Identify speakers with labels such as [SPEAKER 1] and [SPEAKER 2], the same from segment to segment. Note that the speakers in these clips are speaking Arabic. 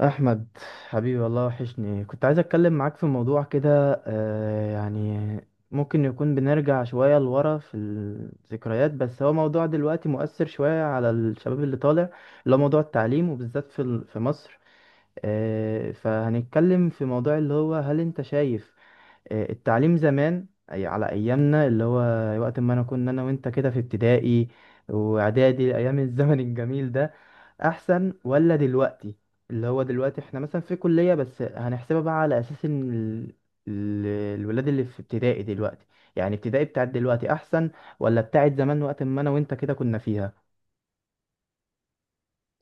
[SPEAKER 1] احمد، حبيبي، والله وحشني. كنت عايز اتكلم معاك في موضوع كده، ممكن يكون بنرجع شوية لورا في الذكريات، بس هو موضوع دلوقتي مؤثر شوية على الشباب اللي طالع، اللي هو موضوع التعليم، وبالذات في مصر. فهنتكلم في موضوع اللي هو، هل انت شايف التعليم زمان، أي على ايامنا، اللي هو وقت ما انا انا وانت كده في ابتدائي واعدادي، ايام الزمن الجميل ده، احسن ولا دلوقتي؟ اللي هو دلوقتي احنا مثلا في كلية، بس هنحسبها بقى على اساس ان ال- الولاد اللي في ابتدائي دلوقتي، يعني ابتدائي بتاعت دلوقتي احسن، ولا بتاعت زمان وقت ما انا وانت كده كنا فيها؟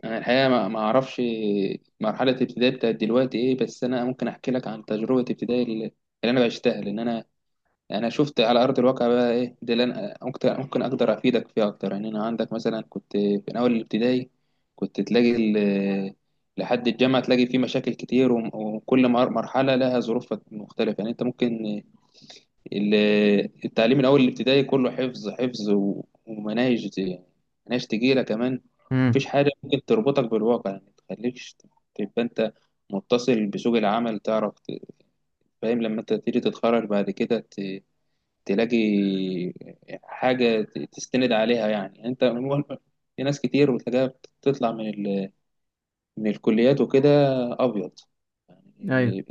[SPEAKER 2] أنا الحقيقة ما أعرفش مرحلة ابتدائي بتاعت دلوقتي إيه، بس أنا ممكن أحكي لك عن تجربة ابتدائي اللي أنا بعشتها، لأن أنا شفت على أرض الواقع بقى إيه ده اللي أنا ممكن أقدر أفيدك فيها أكتر. يعني أنا عندك مثلا كنت في أول الابتدائي، كنت تلاقي لحد الجامعة تلاقي فيه مشاكل كتير، وكل مرحلة لها ظروف مختلفة. يعني أنت ممكن ال- التعليم من اول الابتدائي كله حفظ حفظ ومناهج، يعني مناهج تقيله كمان.
[SPEAKER 1] امم
[SPEAKER 2] مفيش حاجه ممكن تربطك بالواقع، يعني تخليكش تبقى انت متصل بسوق العمل، تعرف فاهم لما انت تيجي تتخرج بعد كده تلاقي حاجه تستند عليها. يعني يعني انت في ناس كتير بتلاقيها بتطلع من من الكليات وكده ابيض
[SPEAKER 1] ايوه.
[SPEAKER 2] يعني.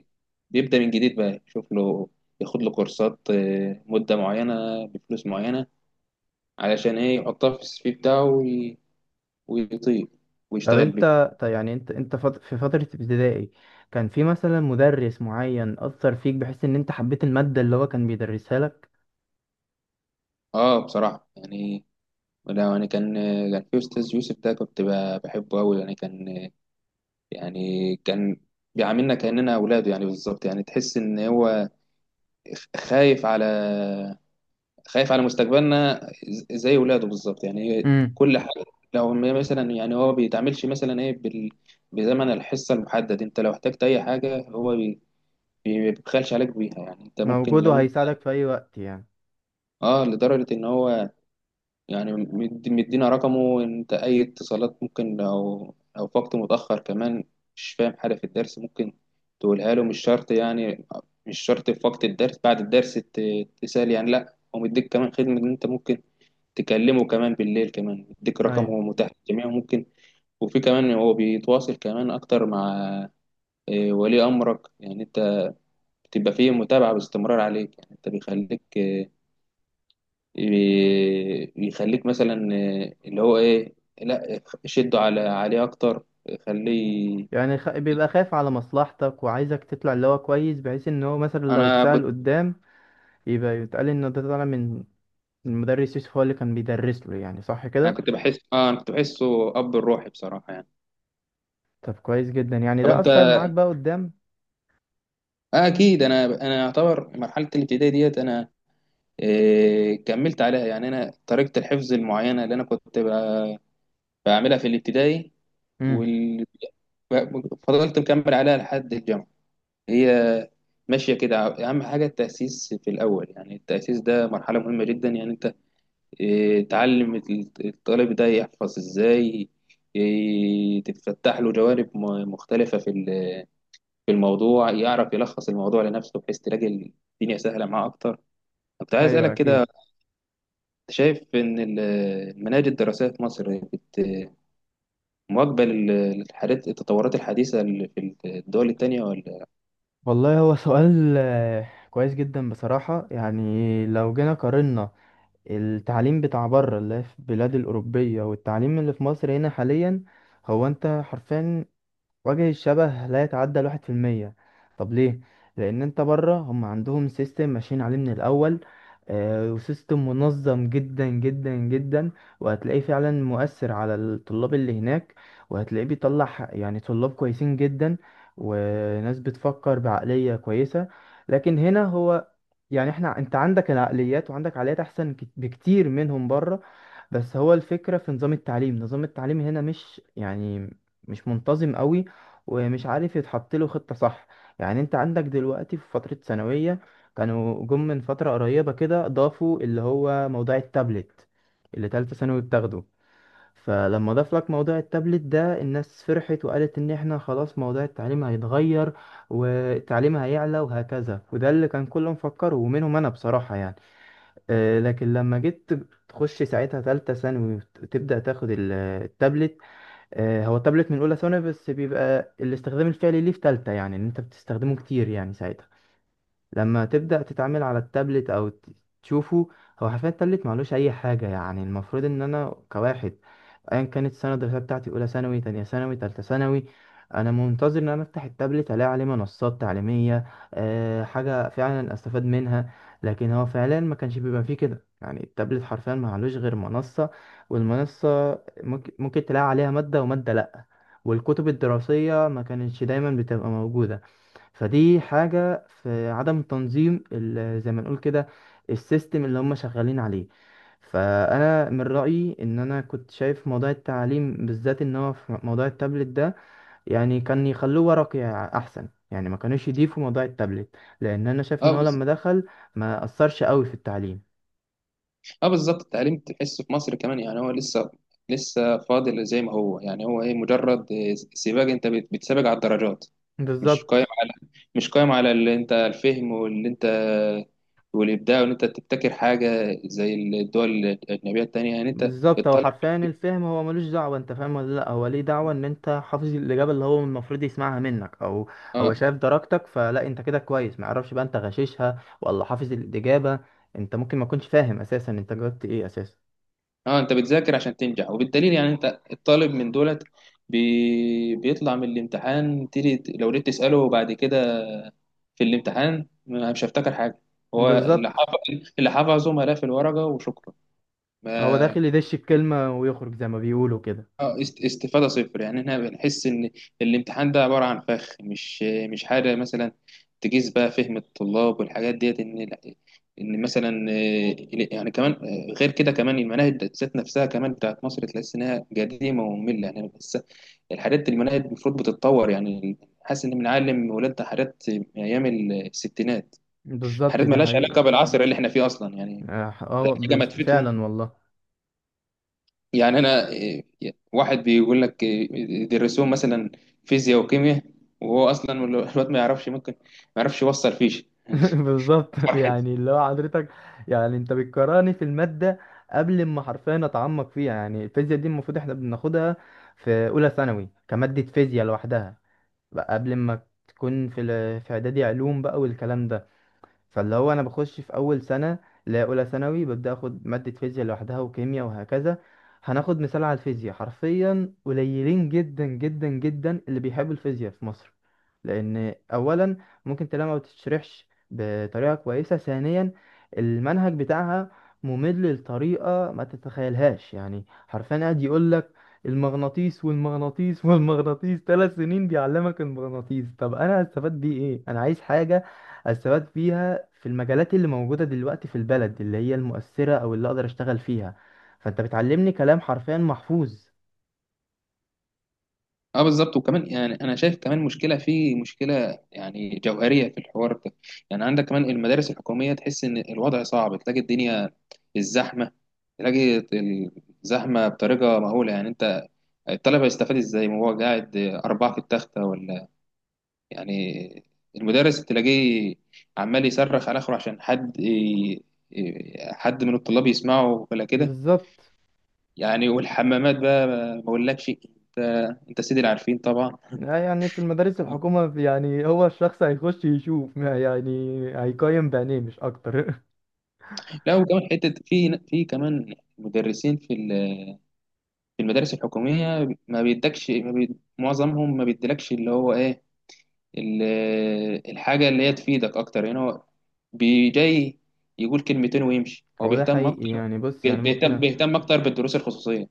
[SPEAKER 2] بيبدا من جديد بقى يشوف له، ياخد له كورسات مده معينه بفلوس معينه، علشان ايه يحطها في السي في بتاعه ويطير ويشتغل بيها.
[SPEAKER 1] طب، يعني انت انت في فترة ابتدائي كان في مثلا مدرس معين اثر فيك بحيث ان انت حبيت المادة اللي هو كان بيدرسها لك؟
[SPEAKER 2] اه بصراحة يعني ولا يعني كان في استاذ يوسف ده كنت بحبه قوي. يعني كان يعني كان بيعاملنا كأننا اولاده، يعني بالظبط يعني تحس ان هو خايف على خايف على مستقبلنا، زي ولاده بالظبط. يعني
[SPEAKER 1] امم
[SPEAKER 2] كل حاجة، لو مثلا يعني هو بيتعاملش مثلا ايه بزمن الحصة المحدد، انت لو احتجت اي حاجة هو بيبخلش عليك بيها. يعني انت ممكن
[SPEAKER 1] موجود
[SPEAKER 2] لو
[SPEAKER 1] وهيساعدك في اي وقت يعني؟
[SPEAKER 2] اه، لدرجة ان هو يعني مدينا رقمه، انت اي اتصالات ممكن لو في وقت متأخر كمان مش فاهم حاجة في الدرس ممكن تقولها له. مش شرط يعني، مش شرط في وقت الدرس، بعد الدرس تسأل. يعني لا، هو مديك كمان خدمة ان انت ممكن تكلمه كمان بالليل، كمان مديك
[SPEAKER 1] ايوه.
[SPEAKER 2] رقمه متاح للجميع ممكن. وفي كمان هو بيتواصل كمان اكتر مع ولي امرك. يعني انت بتبقى فيه متابعة باستمرار عليك، يعني انت بيخليك يخليك مثلا اللي هو ايه لا شده على عليه اكتر خليه.
[SPEAKER 1] يعني بيبقى خايف على مصلحتك وعايزك تطلع اللي هو كويس، بحيث ان هو مثلا لو
[SPEAKER 2] انا
[SPEAKER 1] اتسأل
[SPEAKER 2] كنت
[SPEAKER 1] قدام يبقى يتقال ان ده طالع من المدرس يوسف، هو اللي كان بيدرس له، يعني صح
[SPEAKER 2] انا
[SPEAKER 1] كده؟
[SPEAKER 2] كنت بحس اه، انا كنت بحسه اب الروحي بصراحه يعني.
[SPEAKER 1] طب كويس جدا، يعني
[SPEAKER 2] طب
[SPEAKER 1] ده
[SPEAKER 2] انت
[SPEAKER 1] اثر معاك بقى قدام.
[SPEAKER 2] آه اكيد، انا انا يعتبر مرحله الابتدائي ديت انا آه كملت عليها. يعني انا طريقه الحفظ المعينه اللي انا كنت بعملها في الابتدائي
[SPEAKER 1] امم
[SPEAKER 2] وال... فضلت مكمل عليها لحد الجامعه. هي ماشية كده. أهم حاجة التأسيس في الأول، يعني التأسيس ده مرحلة مهمة جدا. يعني أنت إيه، تعلم الطالب ده يحفظ إزاي، إيه، تتفتح له جوانب مختلفة في في الموضوع، يعرف يلخص الموضوع لنفسه، بحيث تلاقي الدنيا سهلة معاه أكتر. كنت عايز
[SPEAKER 1] ايوه
[SPEAKER 2] أسألك كده،
[SPEAKER 1] اكيد.
[SPEAKER 2] أنت شايف إن المناهج الدراسية في مصر مواكبة للحاجات التطورات الحديثة اللي في الدول التانية ولا؟
[SPEAKER 1] والله هو سؤال كويس جدا بصراحة. يعني لو جينا قارنا التعليم بتاع بره، اللي هي في البلاد الأوروبية، والتعليم اللي في مصر هنا حاليا، هو انت حرفيا وجه الشبه لا يتعدى 1%. طب ليه؟ لأن انت بره هم عندهم سيستم ماشيين عليه من الأول، وسيستم منظم جدا جدا جدا، وهتلاقيه فعلا مؤثر على الطلاب اللي هناك، وهتلاقيه بيطلع يعني طلاب كويسين جدا، وناس بتفكر بعقلية كويسة. لكن هنا هو، يعني احنا، انت عندك العقليات، وعندك عقليات احسن بكتير منهم بره. بس هو الفكرة في نظام التعليم، نظام التعليم هنا مش يعني، مش منتظم قوي، ومش عارف يتحط له خطة صح. يعني انت عندك دلوقتي في فترة ثانوية، كانوا جم من فترة قريبة كده ضافوا اللي هو موضوع التابلت اللي تالتة ثانوي بتاخده. فلما ضاف لك موضوع التابلت ده، الناس فرحت وقالت ان احنا خلاص موضوع التعليم هيتغير والتعليم هيعلى وهكذا، وده اللي كان كله مفكره، ومنهم انا بصراحة يعني. لكن لما جيت تخش ساعتها تالتة ثانوي، وتبدأ تاخد التابلت. هو التابلت من أولى ثانوي، بس بيبقى الاستخدام الفعلي ليه في تالتة، يعني إن أنت بتستخدمه كتير يعني ساعتها. لما تبدأ تتعامل على التابلت، أو تشوفه، هو حرفيا التابلت معلوش أي حاجة. يعني المفروض إن أنا كواحد، أيا كانت السنة الدراسية بتاعتي، أولى ثانوي، تانية ثانوي، تالتة ثانوي، أنا منتظر إن أنا أفتح التابلت ألاقي عليه منصات تعليمية، أه حاجة فعلا أستفاد منها. لكن هو فعلا ما كانش بيبقى فيه كده، يعني التابلت حرفيا معلوش غير منصة، والمنصة ممكن تلاقي عليها مادة، ومادة لأ. والكتب الدراسية ما كانتش دايما بتبقى موجودة. فدي حاجة في عدم تنظيم زي ما نقول كده السيستم اللي هم شغالين عليه. فأنا من رأيي إن أنا كنت شايف موضوع التعليم بالذات، إن هو في موضوع التابلت ده، يعني كان يخلوه ورقي أحسن. يعني ما كانوش يضيفوا موضوع التابلت، لأن أنا شايف إن هو
[SPEAKER 2] اه،
[SPEAKER 1] لما دخل ما أثرش قوي في التعليم.
[SPEAKER 2] اه بالظبط، التعليم تحسه في مصر كمان يعني هو لسه فاضل زي ما هو. يعني هو ايه، مجرد إيه سباق، انت بتسابق على الدرجات، مش قايم
[SPEAKER 1] بالظبط.
[SPEAKER 2] على مش قايم على اللي انت الفهم واللي انت والابداع وان انت تبتكر حاجه زي الدول الاجنبيه التانيه. يعني انت
[SPEAKER 1] بالظبط، هو
[SPEAKER 2] الطالب
[SPEAKER 1] حرفيا الفهم هو ملوش دعوة انت فاهم ولا لا، هو ليه دعوة ان انت حافظ الإجابة اللي هو المفروض يسمعها منك، او هو شايف درجتك، فلا انت كده كويس. ما يعرفش بقى انت غششها ولا حافظ الإجابة. انت ممكن ما تكونش فاهم اساسا انت جاوبت ايه اساسا.
[SPEAKER 2] اه، انت بتذاكر عشان تنجح، وبالدليل يعني انت الطالب من دولت بيطلع من الامتحان، تيجي لو جيت تسأله بعد كده في الامتحان مش هفتكر حاجة، هو اللي
[SPEAKER 1] بالظبط.
[SPEAKER 2] حافظ، اللي حافظه ملف الورقة وشكرا
[SPEAKER 1] هو
[SPEAKER 2] ما.
[SPEAKER 1] داخل يدش الكلمة ويخرج، زي ما بيقولوا كده.
[SPEAKER 2] اه، استفادة صفر. يعني احنا بنحس ان الامتحان ده عبارة عن فخ، مش حاجة مثلا تقيس بقى فهم الطلاب والحاجات ديت. ان ان مثلا آه، يعني كمان آه، غير كده كمان المناهج ذات نفسها كمان بتاعت مصر تحس انها قديمة ومملة يعني. بس الحاجات المناهج المفروض بتتطور يعني، حاسس ان بنعلم ولادنا حاجات من ايام الستينات،
[SPEAKER 1] بالظبط،
[SPEAKER 2] حاجات
[SPEAKER 1] دي
[SPEAKER 2] مالهاش
[SPEAKER 1] حقيقي.
[SPEAKER 2] علاقة بالعصر اللي احنا فيه اصلا. يعني حاجة ما تفيدهم.
[SPEAKER 1] فعلا والله.
[SPEAKER 2] يعني انا إيه، واحد بيقول لك إيه، يدرسوهم مثلا فيزياء وكيمياء، وهو اصلا الواد ما يعرفش، ممكن ما يعرفش يوصل فيش
[SPEAKER 1] بالظبط،
[SPEAKER 2] فرحة.
[SPEAKER 1] يعني اللي هو حضرتك، يعني انت بتكرهني في المادة قبل ما حرفيا اتعمق فيها. يعني الفيزياء دي المفروض احنا بناخدها في اولى ثانوي كمادة فيزياء لوحدها، بقى قبل ما تكون في اعدادي علوم بقى والكلام ده. فاللي هو انا بخش في اول سنة، لا، اولى ثانوي، ببدأ اخد مادة فيزياء لوحدها وكيمياء وهكذا. هناخد مثال على الفيزياء، حرفيا قليلين جدا جدا جدا اللي بيحبوا الفيزياء في مصر. لان اولا ممكن تلاقيها ما بتشرحش بطريقه كويسه. ثانيا المنهج بتاعها ممل لطريقه ما تتخيلهاش. يعني حرفيا قاعد يقول لك المغناطيس والمغناطيس والمغناطيس، 3 سنين بيعلمك المغناطيس. طب انا هستفاد بيه ايه؟ انا عايز حاجه استفاد بيها في المجالات اللي موجوده دلوقتي في البلد، اللي هي المؤثره، او اللي اقدر اشتغل فيها. فانت بتعلمني كلام حرفيا محفوظ.
[SPEAKER 2] اه بالظبط، وكمان يعني انا شايف كمان مشكله في مشكله يعني جوهريه في الحوار ده. يعني عندك كمان المدارس الحكوميه تحس ان الوضع صعب، تلاقي الدنيا الزحمه، تلاقي الزحمه بطريقه مهوله. يعني انت الطالب هيستفاد ازاي، ما هو قاعد اربعه في التخته ولا يعني، المدرس تلاقيه عمال يصرخ على اخره عشان حد حد من الطلاب يسمعه ولا كده.
[SPEAKER 1] بالظبط.
[SPEAKER 2] يعني والحمامات بقى ما اقولكش، انت انت سيدي العارفين طبعا.
[SPEAKER 1] لا يعني في المدارس
[SPEAKER 2] آه.
[SPEAKER 1] الحكومة، يعني هو الشخص هيخش يشوف ما يعني، هيقيم بعينيه مش أكتر.
[SPEAKER 2] لا وكمان حته في كمان مدرسين في في المدارس الحكوميه ما بيدكش، ما معظمهم ما بيديلكش اللي هو ايه الحاجه اللي هي تفيدك اكتر. يعني هو جاي يقول كلمتين ويمشي، هو
[SPEAKER 1] هو ده
[SPEAKER 2] بيهتم
[SPEAKER 1] حقيقي.
[SPEAKER 2] اكتر،
[SPEAKER 1] يعني بص، يعني ممكن
[SPEAKER 2] بيهتم بيهتم اكتر بالدروس الخصوصيه.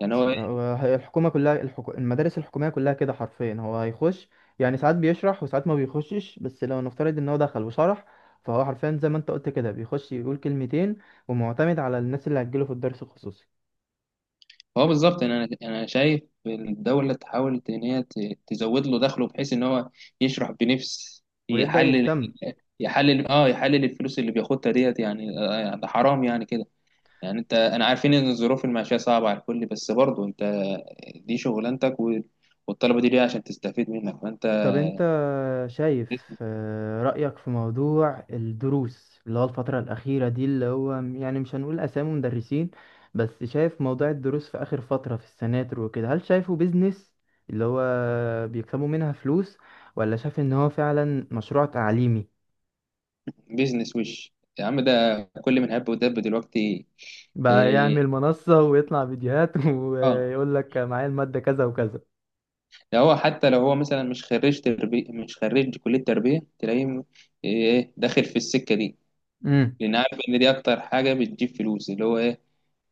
[SPEAKER 2] يعني هو إيه؟
[SPEAKER 1] هو، هي الحكومة كلها، المدارس الحكومية كلها كده حرفيا. هو هيخش يعني ساعات بيشرح، وساعات ما بيخشش، بس لو نفترض ان هو دخل وشرح، فهو حرفيا زي ما انت قلت كده بيخش يقول كلمتين، ومعتمد على الناس اللي هتجيله في الدرس الخصوصي
[SPEAKER 2] هو بالظبط. يعني انا شايف الدوله تحاول ان هي تزود له دخله بحيث ان هو يشرح بنفس،
[SPEAKER 1] ويبدأ
[SPEAKER 2] يحلل،
[SPEAKER 1] يهتم.
[SPEAKER 2] يحلل الفلوس اللي بياخدها ديت. يعني آه، ده حرام يعني كده. يعني انت انا عارفين ان الظروف المعيشيه صعبه على الكل، بس برضه انت دي شغلانتك والطلبه دي ليه عشان تستفيد منك فانت.
[SPEAKER 1] طب انت شايف رأيك في موضوع الدروس اللي هو الفترة الأخيرة دي، اللي هو يعني مش هنقول أسامي مدرسين، بس شايف موضوع الدروس في آخر فترة في السناتر وكده، هل شايفه بيزنس اللي هو بيكسبوا منها فلوس، ولا شايف إن هو فعلا مشروع تعليمي؟
[SPEAKER 2] بيزنس وش يا عم ده، كل من هب ودب دلوقتي
[SPEAKER 1] بقى
[SPEAKER 2] إيه،
[SPEAKER 1] يعمل منصة ويطلع فيديوهات،
[SPEAKER 2] اه
[SPEAKER 1] ويقول لك معايا المادة كذا وكذا.
[SPEAKER 2] ده. هو حتى لو هو مثلا مش خريج تربية، مش خريج كلية تربية تلاقيه إيه داخل في السكة دي،
[SPEAKER 1] امم
[SPEAKER 2] لأن عارف إن دي أكتر حاجة بتجيب فلوس اللي هو إيه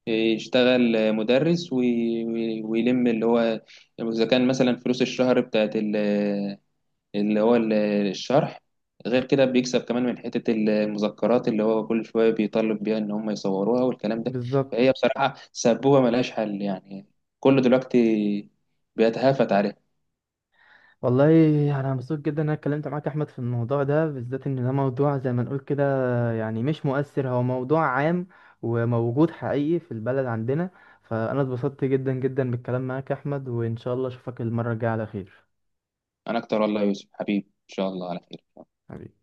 [SPEAKER 2] إيه، يشتغل مدرس ويلم اللي هو، إذا كان مثلا فلوس الشهر بتاعت اللي هو ال- الشرح، غير كده بيكسب كمان من حتة المذكرات اللي هو كل شوية بيطالب بيها إن هم يصوروها والكلام ده. فهي
[SPEAKER 1] بالظبط.
[SPEAKER 2] بصراحة سبوبة ملهاش حل يعني، كله دلوقتي بيتهافت عليها.
[SPEAKER 1] والله يعني انا مبسوط جدا ان انا اتكلمت معاك يا احمد في الموضوع ده بالذات، ان ده موضوع زي ما نقول كده، يعني مش مؤثر، هو موضوع عام، وموجود حقيقي في البلد عندنا. فانا اتبسطت جدا جدا بالكلام معاك يا احمد، وان شاء الله اشوفك المرة الجاية على خير.
[SPEAKER 2] انا اكتر والله يا يوسف حبيبي، ان شاء الله على خير.
[SPEAKER 1] حبيبي.